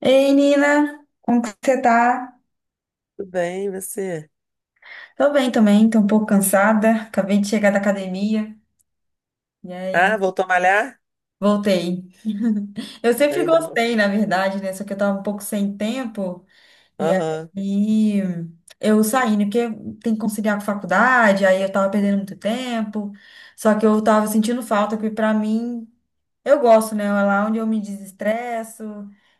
Ei, Nina, como que você tá? Tudo bem, e você? Tô bem também, tô um pouco cansada. Acabei de chegar da academia e aí Ah, voltou a malhar? voltei. Eu sempre Ainda não. gostei, na verdade, né? Só que eu tava um pouco sem tempo e Aham. aí eu saí, né? Porque tem que conciliar com a faculdade, aí eu tava perdendo muito tempo. Só que eu tava sentindo falta, que pra mim, eu gosto, né? É lá onde eu me desestresso.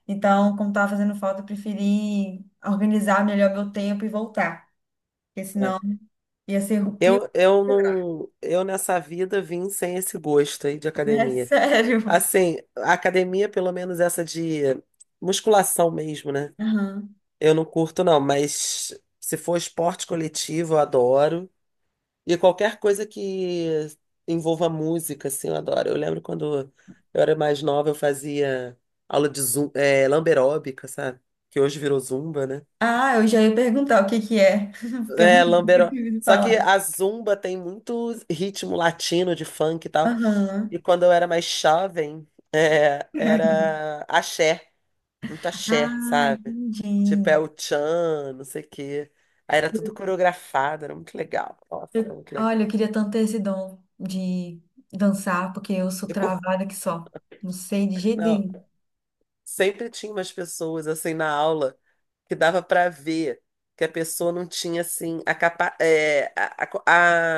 Então, como tava fazendo falta, eu preferi organizar melhor meu tempo e voltar. Porque É. senão ia ser o pior, Eu não, eu nessa vida vim sem esse gosto aí de né? academia. Sério. Assim, a academia, pelo menos essa de musculação mesmo, né? Aham. Eu não curto não, mas se for esporte coletivo, eu adoro. E qualquer coisa que envolva música, assim, eu adoro. Eu lembro quando eu era mais nova, eu fazia aula de lamberóbica, sabe? Que hoje virou zumba, né? Ah, eu já ia perguntar o que que é, porque eu É, nunca lambeiro. tive de Só que falar. a Zumba tem muito ritmo latino de funk e tal. Aham. E quando eu era mais jovem, era axé, muito axé, Ah, sabe? Tipo, entendi. é o tchan, não sei o quê. Aí era tudo coreografado, era muito legal. Nossa, era muito legal. Olha, eu queria tanto ter esse dom de dançar, porque eu sou De co- travada que só. Não sei de jeito Não, nenhum. sempre tinha umas pessoas assim na aula que dava pra ver que a pessoa não tinha assim a capa... é, a,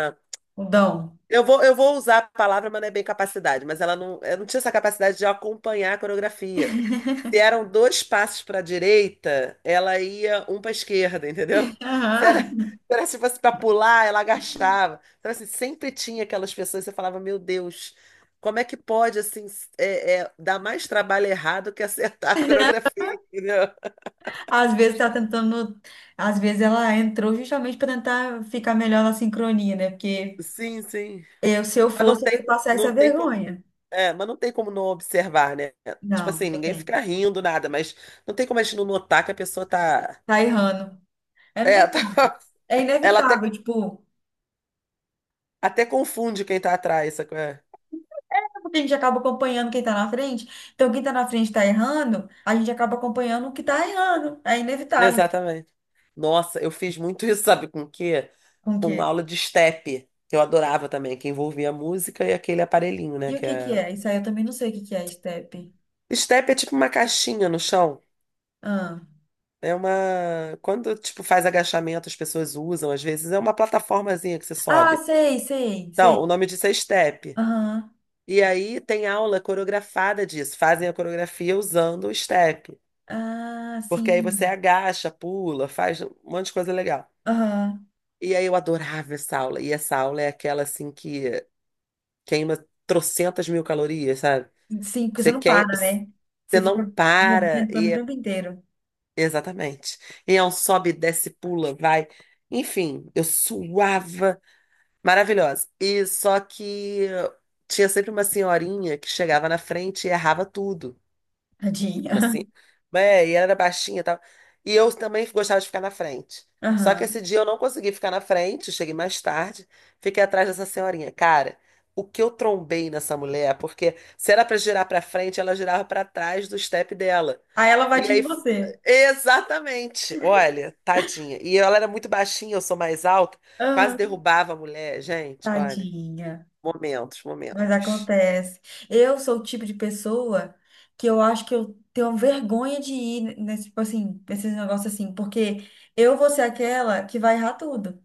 a, O dom. Eu vou usar a palavra, mas não é bem capacidade, mas ela não, eu não tinha essa capacidade de acompanhar a coreografia. Se eram dois passos para a direita, ela ia um para a esquerda, entendeu? Se era, se Aham. se fosse para pular, ela agachava. Então, assim, sempre tinha aquelas pessoas, você falava, meu Deus, como é que pode, assim, dar mais trabalho errado que acertar a coreografia, entendeu? Às vezes tá tentando. Às vezes ela entrou justamente para tentar ficar melhor na sincronia, né? Porque Sim, sim. eu, se eu Mas fosse, eu ia passar não essa tem como. vergonha. É, mas não tem como não observar, né? Tipo Não, assim, não ninguém tem. fica rindo, nada, mas não tem como a gente não notar que a pessoa tá. Tá errando. É, não É, tá- tem como. É ela até, inevitável, tipo, até confunde quem tá atrás, sacou? É. é porque a gente acaba acompanhando quem tá na frente. Então, quem tá na frente tá errando, a gente acaba acompanhando o que tá errando. É inevitável. Exatamente. Nossa, eu fiz muito isso, sabe com o quê? Com o quê? Com aula de step, que eu adorava também, que envolvia a música e aquele aparelhinho, E né? o Que que que é... é? Isso aí eu também não sei o que que é, step. Step é tipo uma caixinha no chão. Ah, É uma. Quando, tipo, faz agachamento, as pessoas usam, às vezes, é uma plataformazinha que você ah, sobe. sei, sei, Não, o sei. nome disso é step. Aham. E aí tem aula coreografada disso. Fazem a coreografia usando o step. Ah, Porque aí sim. você agacha, pula, faz um monte de coisa legal. Aham. E aí eu adorava essa aula. E essa aula é aquela assim que queima trocentas mil calorias, sabe? Sim, porque você não para, né? Você Você não fica para. Movimentando o tempo inteiro. Exatamente. E é um sobe, desce, pula, vai. Enfim, eu suava. Maravilhosa. E só que tinha sempre uma senhorinha que chegava na frente e errava tudo. Mas Tadinha. assim, e ela era baixinha e tal. E eu também gostava de ficar na frente. Só que esse Aham. dia eu não consegui ficar na frente, eu cheguei mais tarde, fiquei atrás dessa senhorinha. Cara, o que eu trombei nessa mulher, porque se era pra girar pra frente, ela girava pra trás do step dela. Aí ela E bate em aí, você. exatamente, olha, tadinha. E ela era muito baixinha, eu sou mais alta, quase Aham. derrubava a mulher, gente, olha, Tadinha. Mas momentos. acontece. Eu sou o tipo de pessoa que eu acho que eu tenho vergonha de ir nesse, tipo assim, nesses negócios assim, porque eu vou ser aquela que vai errar tudo.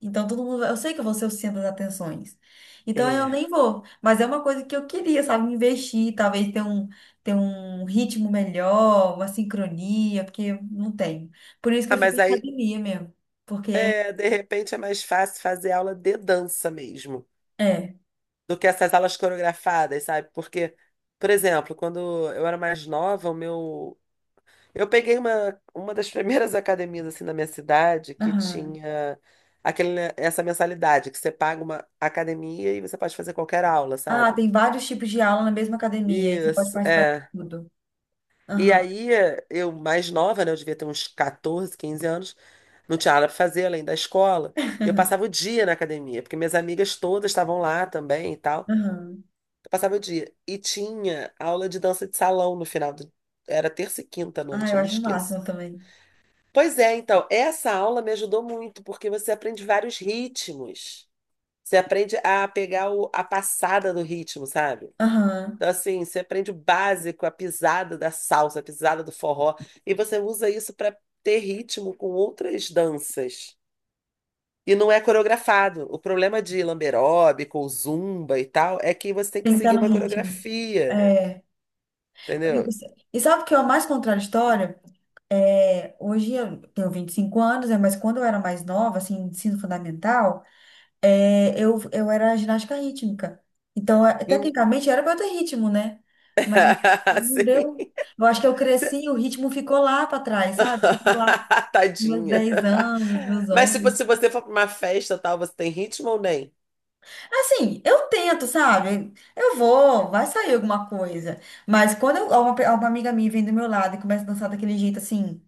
Então todo mundo, eu sei que eu vou ser o centro das atenções. Então eu É. nem vou, mas é uma coisa que eu queria, sabe, investir, talvez ter um ritmo melhor, uma sincronia, porque eu não tenho. Por isso que Ah, eu fico mas em aí. academia mesmo, porque É, de repente é mais fácil fazer aula de dança mesmo, é. do que essas aulas coreografadas, sabe? Porque, por exemplo, quando eu era mais nova, o meu. Eu peguei uma das primeiras academias assim na minha cidade que Aham. tinha aquele, né, essa mensalidade, que você paga uma academia e você pode fazer qualquer aula, Ah, sabe? tem vários tipos de aula na mesma academia, aí você pode Isso, participar de é. tudo. E Aham, aí, eu mais nova, né? Eu devia ter uns 14, 15 anos. Não tinha nada pra fazer além da escola. Eu passava o dia na academia, porque minhas amigas todas estavam lá também e tal. aham. Eu passava o dia. E tinha aula de dança de salão no final do... Era terça e quinta à Ah, noite, eu eu não acho o esqueço. máximo também. Pois é, então, essa aula me ajudou muito, porque você aprende vários ritmos. Você aprende a pegar o- a passada do ritmo, sabe? Aham. Então, assim, você aprende o básico, a pisada da salsa, a pisada do forró, e você usa isso para ter ritmo com outras danças. E não é coreografado. O problema de lamberóbico, ou zumba e tal, é que você tem que Tem que estar seguir no uma ritmo. coreografia, É. E entendeu? e sabe o que é o mais contraditório? É, hoje eu tenho 25 anos, né, mas quando eu era mais nova, assim, ensino fundamental, é, eu era ginástica rítmica. Então, é, Em- tecnicamente, era para eu ter ritmo, né? Mas não Assim, deu. Eu acho que eu você- cresci, o ritmo ficou lá para trás, sabe? Ficou lá com meus Tadinha. 10 anos, meus Mas tipo, 11. se você for para uma festa tal, você tem ritmo ou nem? Assim, eu tento, sabe? Eu vou, vai sair alguma coisa. Mas uma, uma amiga minha vem do meu lado e começa a dançar daquele jeito assim,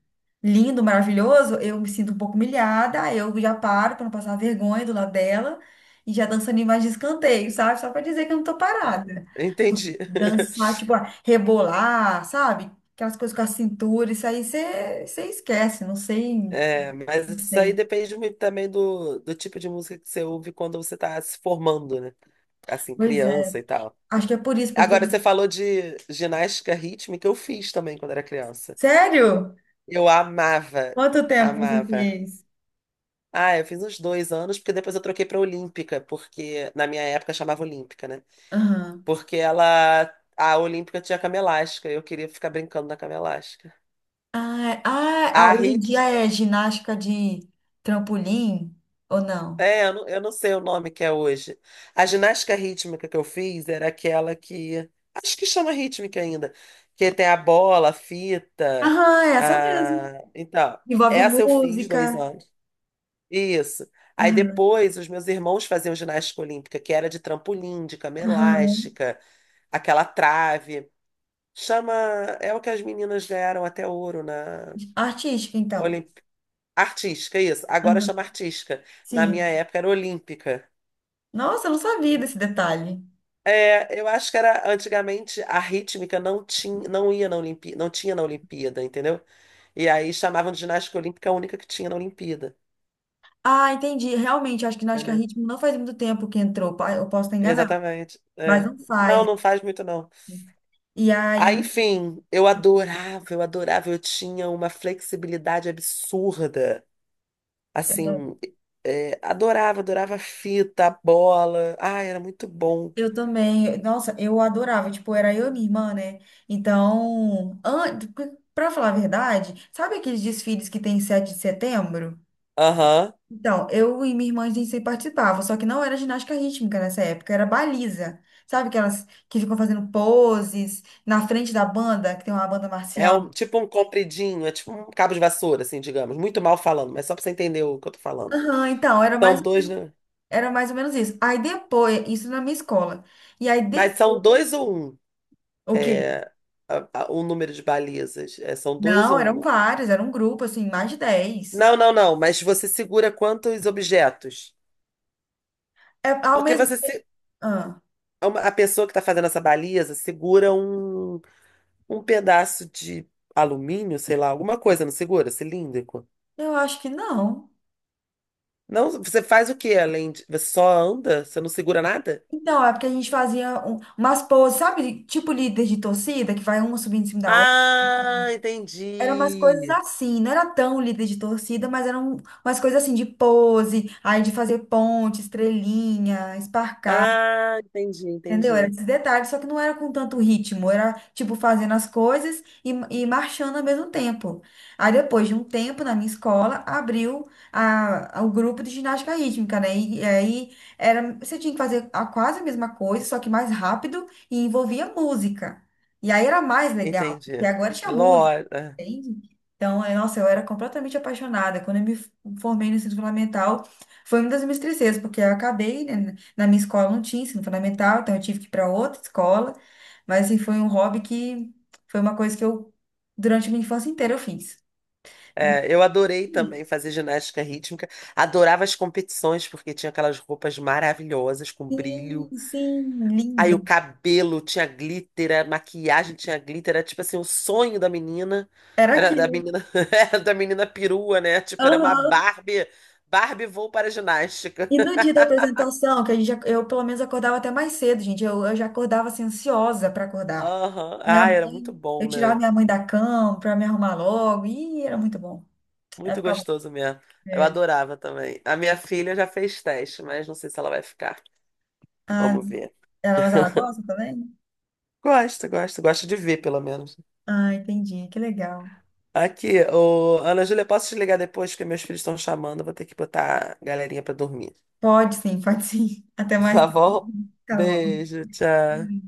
lindo, maravilhoso, eu me sinto um pouco humilhada, aí eu já paro pra não passar vergonha do lado dela e já dançando em mais de escanteio, sabe? Só pra dizer que eu não tô parada. Entendi. Dançar, tipo, ah, rebolar, sabe? Aquelas coisas com a cintura, isso aí você esquece, não sei, É, mas não isso aí sei. depende muito também do tipo de música que você ouve quando você está se formando, né? Assim, Pois é, criança e tal. acho que é por isso, porque. Agora, você falou de ginástica rítmica, eu fiz também quando era criança. Sério? Eu Quanto tempo você amava. fez? Ah, eu fiz uns 2 anos, porque depois eu troquei para Olímpica, porque na minha época chamava Olímpica, né? Aham. Porque ela, a Olímpica tinha cama elástica, eu queria ficar brincando na cama elástica. Ah, A hoje em rit dia é ginástica de trampolim ou não? É, eu não sei o nome que é hoje. A ginástica rítmica que eu fiz era aquela que. Acho que chama rítmica ainda. Que tem a bola, a fita. Aham, é essa mesmo. A... Então, Envolve essa eu fiz dois música. anos. Isso. Aí Aham, depois os meus irmãos faziam ginástica olímpica, que era de trampolim, de cama aham, elástica, aquela trave. Chama. É o que as meninas ganharam até ouro na. artística, então. Olimp... Artística, isso. Agora Aham. chama artística. Na minha Sim. época era olímpica. Nossa, eu não sabia desse detalhe. É, eu acho que era antigamente a rítmica não tinha, não ia na Olimpíada, não tinha na Olimpíada, entendeu? E aí chamavam de ginástica olímpica a única que tinha na Olimpíada, Ah, entendi. Realmente, acho que ginástica entendeu? rítmica não faz muito tempo que entrou. Eu posso estar enganada, Exatamente. mas É. não Não, faz. não faz muito não. E Aí, aí enfim, eu adorava, eu tinha uma flexibilidade absurda. Assim, adorava, adorava a fita, a bola. Ai, era muito bom. eu também, nossa, eu adorava, tipo, era eu e minha irmã, né? Então, an... Pra falar a verdade, sabe aqueles desfiles que tem em 7 de setembro? Aham. Então, eu e minha irmã, a gente sempre participava, só que não era ginástica rítmica nessa época, era baliza. Sabe aquelas que ficam fazendo poses na frente da banda, que tem uma banda É marcial? um, tipo um compridinho, é tipo um cabo de vassoura, assim, digamos. Muito mal falando, mas só pra você entender o que eu tô falando. Aham, então, era mais, São dois, né? era mais ou menos isso. Aí depois, isso na minha escola. E aí Mas são depois, dois ou um, o quê? é, o número de balizas. É, são dois Não, ou eram uma. vários, era um grupo, assim, mais de 10. Não, não, não, mas você segura quantos objetos? É, ao Porque mesmo. você se, Ah, é uma- a pessoa que está fazendo essa baliza segura um, um pedaço de alumínio, sei lá, alguma coisa, não segura? Cilíndrico? eu acho que não. Não, você faz o quê além de. Você só anda? Você não segura nada? Então, é porque a gente fazia umas poses, sabe? Tipo líder de torcida, que vai uma subindo em cima da outra. Ah, Eram umas coisas entendi. assim, não era tão líder de torcida, mas eram umas coisas assim de pose, aí de fazer ponte, estrelinha. Ah, Entendeu? Era entendi. esses detalhes, só que não era com tanto ritmo, era tipo fazendo as coisas e marchando ao mesmo tempo. Aí depois de um tempo na minha escola, abriu a, o grupo de ginástica rítmica, né? E aí era, você tinha que fazer a, quase a mesma coisa, só que mais rápido e envolvia música. E aí era mais legal, porque Entendi. agora tinha música. Lora. Entende? Então, é, nossa, eu era completamente apaixonada. Quando eu me formei no ensino fundamental, foi uma das minhas tristezas, porque eu acabei, né, na minha escola não tinha ensino fundamental, então eu tive que ir para outra escola. Mas, assim, foi um hobby que foi uma coisa que eu, durante a minha infância inteira, eu fiz. É, eu adorei também fazer ginástica rítmica. Adorava as competições, porque tinha aquelas roupas maravilhosas, com Sim, brilho. sim, Aí o lindo. cabelo tinha glitter, a maquiagem tinha glitter. Era tipo assim, o sonho da menina. Era Era da aquilo. menina, era da menina perua, né? Tipo, era uma Aham. Barbie. Barbie vou para a ginástica. E no dia da apresentação, que a gente, eu pelo menos acordava até mais cedo, gente. Eu já acordava assim, ansiosa para acordar. Aham. Minha Ah, era muito mãe, eu bom, tirava né? minha mãe da cama para me arrumar logo. E era muito bom. Ela Muito ficava. gostoso mesmo. Eu É. adorava também. A minha filha já fez teste, mas não sei se ela vai ficar. Ah, Vamos ver. ela, mas ela gosta também? Gosto de ver, pelo menos. Ah, entendi. Que legal. Aqui, ô, Ana Júlia, posso te ligar depois, porque meus filhos estão chamando, eu vou ter que botar a galerinha pra dormir. Pode sim, pode sim. Até mais Tá tarde. bom? Tá bom. Beijo, tchau.